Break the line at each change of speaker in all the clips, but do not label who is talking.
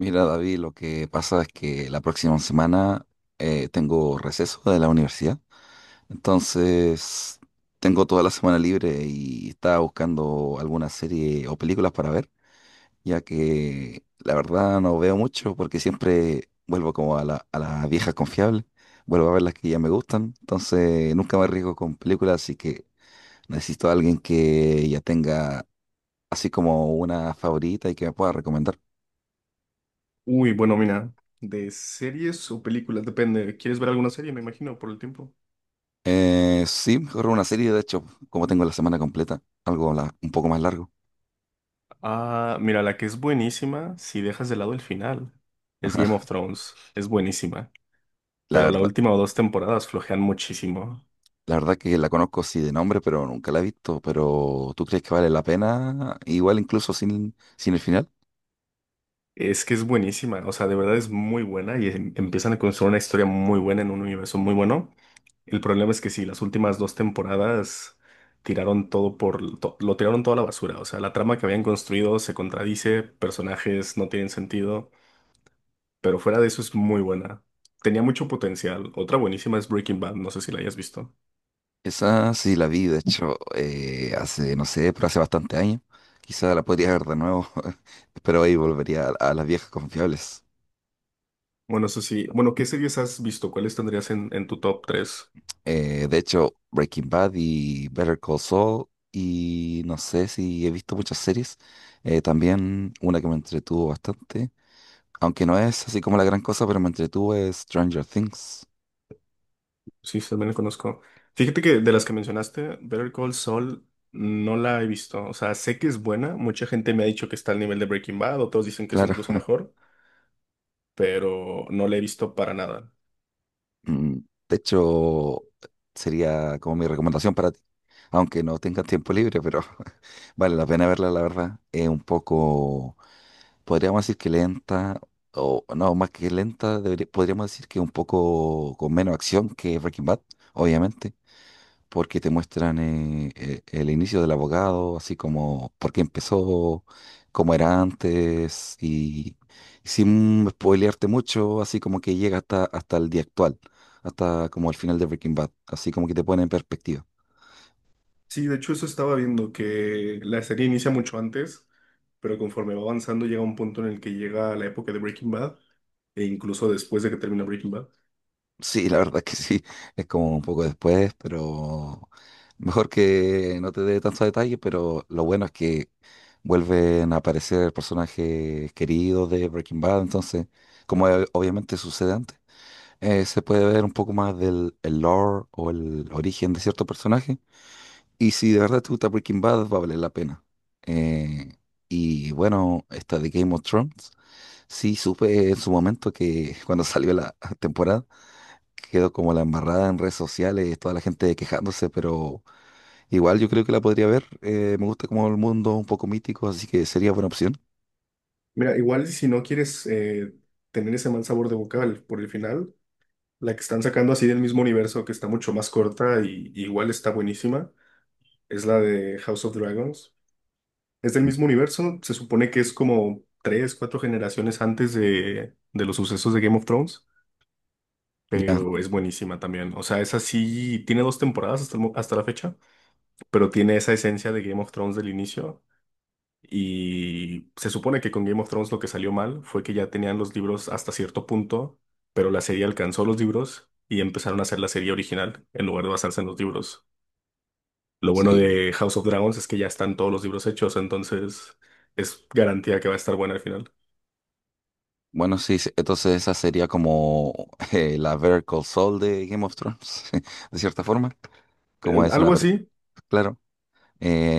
Mira, David, lo que pasa es que la próxima semana tengo receso de la universidad, entonces tengo toda la semana libre y estaba buscando alguna serie o películas para ver, ya que la verdad no veo mucho porque siempre vuelvo como a las viejas confiables, vuelvo a ver las que ya me gustan, entonces nunca me arriesgo con películas, así que necesito a alguien que ya tenga así como una favorita y que me pueda recomendar.
Uy, bueno, mira, de series o películas, depende. ¿Quieres ver alguna serie, me imagino, por el tiempo?
Sí, mejor una serie, de hecho, como tengo la semana completa, algo un poco más largo.
Ah, mira, la que es buenísima, si dejas de lado el final, es Game of Thrones. Es buenísima,
La
pero la
verdad,
última o dos temporadas flojean muchísimo.
la verdad que la conozco sí de nombre, pero nunca la he visto. Pero ¿tú crees que vale la pena? Igual incluso sin el final.
Es que es buenísima, o sea, de verdad es muy buena y empiezan a construir una historia muy buena en un universo muy bueno. El problema es que sí, las últimas dos temporadas tiraron todo por, lo tiraron toda la basura, o sea, la trama que habían construido se contradice, personajes no tienen sentido. Pero fuera de eso es muy buena. Tenía mucho potencial. Otra buenísima es Breaking Bad, no sé si la hayas visto.
Esa sí la vi, de hecho, hace, no sé, pero hace bastante años. Quizá la podría ver de nuevo, pero ahí volvería a las viejas confiables.
Bueno, eso sí. Bueno, ¿qué series has visto? ¿Cuáles tendrías en tu top tres?
De hecho, Breaking Bad y Better Call Saul, y no sé si he visto muchas series, también una que me entretuvo bastante, aunque no es así como la gran cosa, pero me entretuvo es Stranger Things,
Sí, sí, también la conozco. Fíjate que de las que mencionaste, Better Call Saul no la he visto. O sea, sé que es buena. Mucha gente me ha dicho que está al nivel de Breaking Bad, otros dicen que es
claro.
incluso mejor, pero no la he visto para nada.
Mm, de hecho, sería como mi recomendación para ti, aunque no tengas tiempo libre, pero vale la pena verla, la verdad. Es un poco, podríamos decir que lenta, o no, más que lenta, podríamos decir que un poco con menos acción que Breaking Bad, obviamente, porque te muestran el inicio del abogado, así como por qué empezó, cómo era antes, y sin spoilearte mucho, así como que llega hasta el día actual, hasta como el final de Breaking Bad, así como que te pone en perspectiva.
Sí, de hecho eso estaba viendo, que la serie inicia mucho antes, pero conforme va avanzando llega un punto en el que llega la época de Breaking Bad, e incluso después de que termina Breaking Bad.
Sí, la verdad es que sí, es como un poco después, pero mejor que no te dé tantos detalles, pero lo bueno es que vuelven a aparecer personajes queridos de Breaking Bad, entonces, como obviamente sucede antes, se puede ver un poco más del el lore o el origen de cierto personaje, y si de verdad te gusta Breaking Bad, va a valer la pena. Eh, y bueno, esta de Game of Thrones, sí supe en su momento que cuando salió la temporada, quedó como la embarrada en redes sociales, toda la gente quejándose, pero igual yo creo que la podría ver. Me gusta como el mundo un poco mítico, así que sería buena opción.
Mira, igual si no quieres tener ese mal sabor de boca por el final, la que están sacando así del mismo universo, que está mucho más corta y igual está buenísima, es la de House of Dragons. Es del
Mm,
mismo universo, se supone que es como tres, cuatro generaciones antes de los sucesos de Game of Thrones.
ya,
Pero es buenísima también. O sea, esa sí tiene dos temporadas hasta, hasta la fecha, pero tiene esa esencia de Game of Thrones del inicio. Y se supone que con Game of Thrones lo que salió mal fue que ya tenían los libros hasta cierto punto, pero la serie alcanzó los libros y empezaron a hacer la serie original en lugar de basarse en los libros. Lo bueno
sí.
de House of Dragons es que ya están todos los libros hechos, entonces es garantía que va a estar buena al final.
Bueno, sí, sí, entonces esa sería como la Better Call Saul de Game of Thrones, de cierta forma, como es una...
Algo así.
Claro.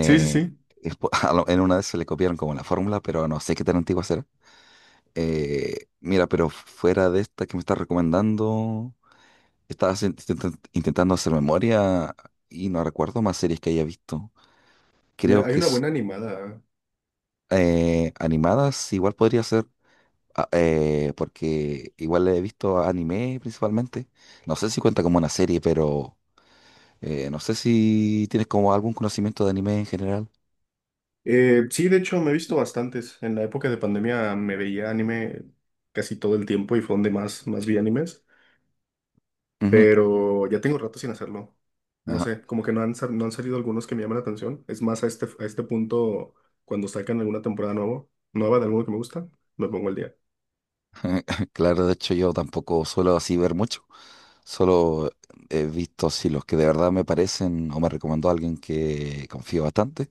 Sí, sí, sí.
es en una vez se le copiaron como la fórmula, pero no sé qué tan antigua será. Mira, pero fuera de esta que me estás recomendando... Estaba intentando hacer memoria y no recuerdo más series que haya visto. Creo
Mira, hay
que
una buena animada.
animadas igual podría ser, porque igual he visto anime principalmente. No sé si cuenta como una serie, pero no sé si tienes como algún conocimiento de anime en general.
Sí, de hecho, me he visto bastantes. En la época de pandemia me veía anime casi todo el tiempo y fue donde más, más vi animes,
Ujú,
pero ya tengo rato sin hacerlo. No
ajá.
sé, como que no han, no han salido algunos que me llaman la atención. Es más, a este punto, cuando sacan alguna temporada nuevo, nueva de alguno que me gusta, me pongo al día.
Claro, de hecho yo tampoco suelo así ver mucho. Solo he visto así los que de verdad me parecen o me recomendó alguien que confío bastante.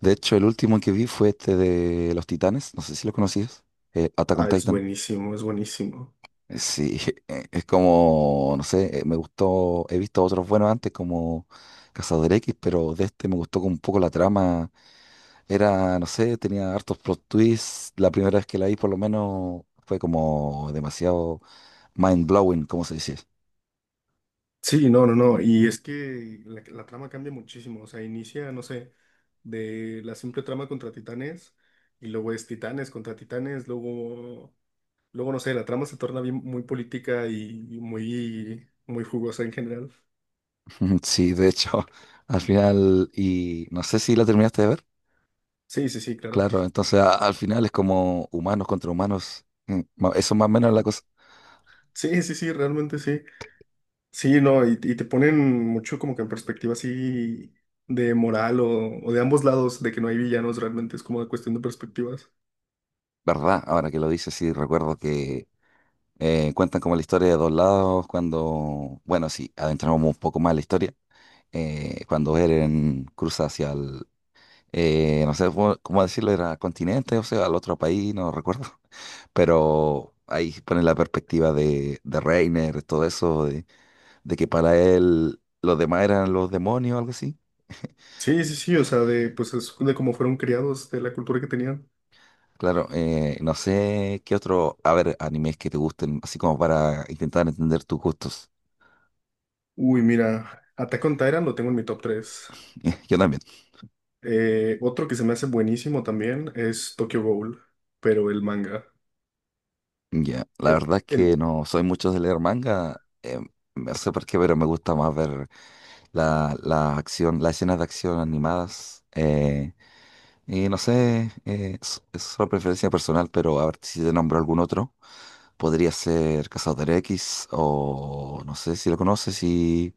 De hecho, el último que vi fue este de Los Titanes, no sé si lo conocías, Attack on
Ah, es
Titan.
buenísimo, es buenísimo.
Sí, es como, no sé, me gustó, he visto otros buenos antes como Cazador X, pero de este me gustó como un poco la trama. Era, no sé, tenía hartos plot twists. La primera vez que la vi por lo menos fue como demasiado mind blowing, como se dice.
Sí, no, no, no. Y es que la trama cambia muchísimo. O sea, inicia, no sé, de la simple trama contra titanes y luego es titanes contra titanes. Luego, luego no sé, la trama se torna bien, muy política y muy, muy jugosa en general.
Sí, de hecho, al final, y no sé si la terminaste de ver.
Sí, sí, sí, claro.
Claro, entonces al final es como humanos contra humanos. Mm, eso más o menos es la cosa.
Sí, sí, sí, realmente sí. Sí, no, y te ponen mucho como que en perspectiva así de moral o de ambos lados, de que no hay villanos realmente, es como una cuestión de perspectivas.
¿Verdad? Ahora que lo dices, sí, recuerdo que cuentan como la historia de dos lados cuando, bueno, sí, adentramos un poco más en la historia, cuando Eren cruza hacia el, no sé cómo decirlo, era continente, o sea, al otro país, no recuerdo, pero ahí pone la perspectiva de Reiner, todo eso, de que para él los demás eran los demonios o algo así.
Sí, sí, sí, o sea, de, pues es de cómo fueron criados, de la cultura que tenían.
Claro, no sé qué otro, a ver, animes que te gusten, así como para intentar entender tus gustos.
Uy, mira, Attack on Titan lo tengo en mi top tres.
Yo también.
Otro que se me hace buenísimo también es Tokyo Ghoul, pero el manga.
Ya, la
Eh,
verdad es
El,
que no soy mucho de leer manga, no sé por qué, pero me gusta más ver la acción, las escenas de acción animadas. Y no sé, es solo preferencia personal, pero a ver si te nombro algún otro. Podría ser Cazador X o no sé si lo conoces, y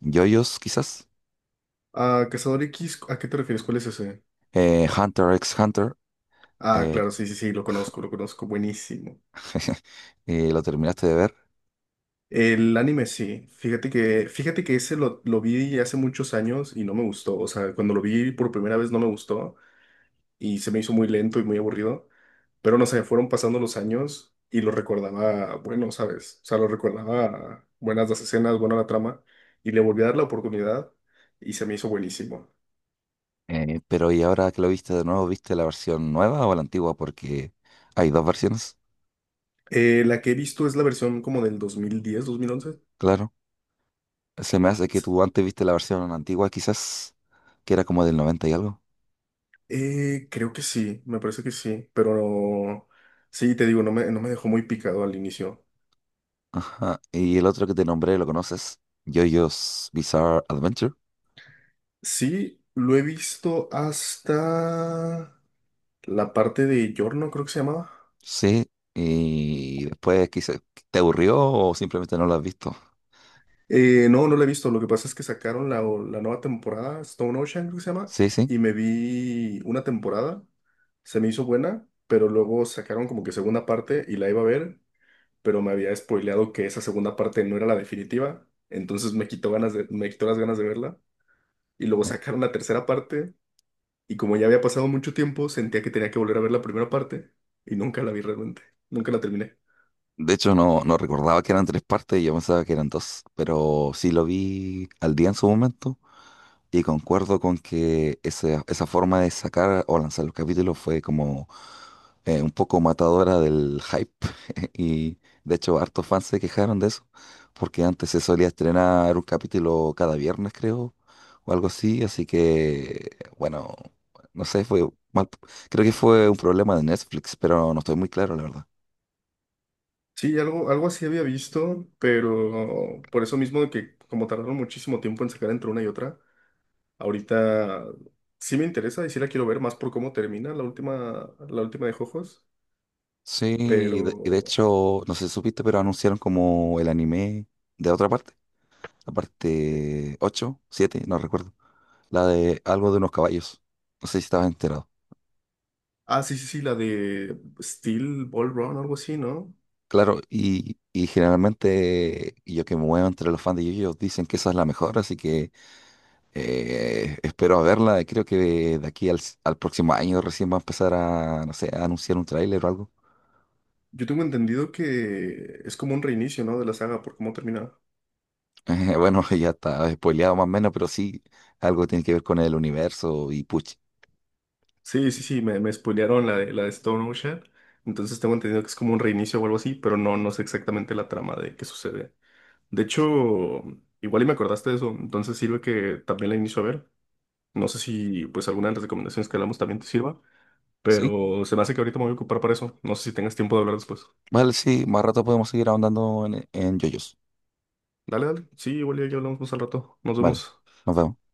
JoJo's quizás.
ah, Cazador X, ¿a qué te refieres? ¿Cuál es ese?
Hunter x Hunter.
Ah,
eh,
claro, sí, sí, sí, lo conozco, buenísimo.
Lo terminaste de ver,
El anime sí, fíjate que ese lo vi hace muchos años y no me gustó, o sea, cuando lo vi por primera vez no me gustó. Y se me hizo muy lento y muy aburrido, pero no sé, fueron pasando los años y lo recordaba bueno, ¿sabes? O sea, lo recordaba buenas las escenas, buena la trama, y le volví a dar la oportunidad y se me hizo buenísimo.
pero y ahora que lo viste de nuevo, ¿viste la versión nueva o la antigua? Porque hay dos versiones,
La que he visto es la versión como del 2010,
claro. Se me hace que
2011.
tú antes viste la versión antigua, quizás, que era como del 90 y algo.
Creo que sí, me parece que sí, sí, te digo, no me, no me dejó muy picado al inicio.
Ajá. Y el otro que te nombré, ¿lo conoces? JoJo's Bizarre Adventure.
Sí, lo he visto hasta la parte de Yorno, creo que se llamaba.
Sí. Y después quizás te aburrió o simplemente no lo has visto.
No, no la he visto. Lo que pasa es que sacaron la, la nueva temporada, Stone Ocean, creo que se llama,
Sí, sí.
y me vi una temporada. Se me hizo buena, pero luego sacaron como que segunda parte y la iba a ver, pero me había spoileado que esa segunda parte no era la definitiva. Entonces me quitó ganas de, me quitó las ganas de verla. Y luego
Eh,
sacaron la tercera parte, y como ya había pasado mucho tiempo, sentía que tenía que volver a ver la primera parte, y nunca la vi realmente. Nunca la terminé.
de hecho, no, no recordaba que eran tres partes y yo pensaba que eran dos, pero sí lo vi al día en su momento. Y concuerdo con que esa forma de sacar o lanzar los capítulos fue como un poco matadora del hype. Y de hecho, hartos fans se quejaron de eso, porque antes se solía estrenar un capítulo cada viernes, creo, o algo así. Así que, bueno, no sé, fue mal. Creo que fue un problema de Netflix, pero no estoy muy claro, la verdad.
Sí, algo, algo así había visto, pero por eso mismo de que como tardaron muchísimo tiempo en sacar entre una y otra, ahorita sí me interesa y sí la quiero ver más por cómo termina la última de Jojos,
Sí, y de
pero...
hecho, no sé si supiste, pero anunciaron como el anime de otra parte. La
eh,
parte 8 7 no recuerdo, la de algo de unos caballos. No sé si estabas enterado.
sí, sí, sí, la de Steel Ball Run, algo así, ¿no?
Claro, y generalmente yo que me muevo entre los fans de Yu-Gi-Oh! Dicen que esa es la mejor, así que espero a verla. Creo que de aquí al próximo año recién va a empezar a, no sé, a anunciar un tráiler o algo.
Yo tengo entendido que es como un reinicio, ¿no? De la saga por cómo termina.
Bueno, ya está spoileado más o menos, pero sí, algo tiene que ver con el universo y puch.
Sí, sí, sí, me spoilearon la de Stone Ocean, entonces tengo entendido que es como un reinicio o algo así, pero no, no sé exactamente la trama de qué sucede. De hecho, igual y me acordaste de eso, entonces sirve que también la inicio a ver. No sé si pues alguna de las recomendaciones que hablamos también te sirva,
¿Sí?
pero se me hace que ahorita me voy a ocupar para eso. No sé si tengas tiempo de hablar después.
Vale, sí, más rato podemos seguir ahondando en yoyos.
Dale, dale. Sí, igual y ya hablamos más al rato. Nos
Vale,
vemos.
nos vemos.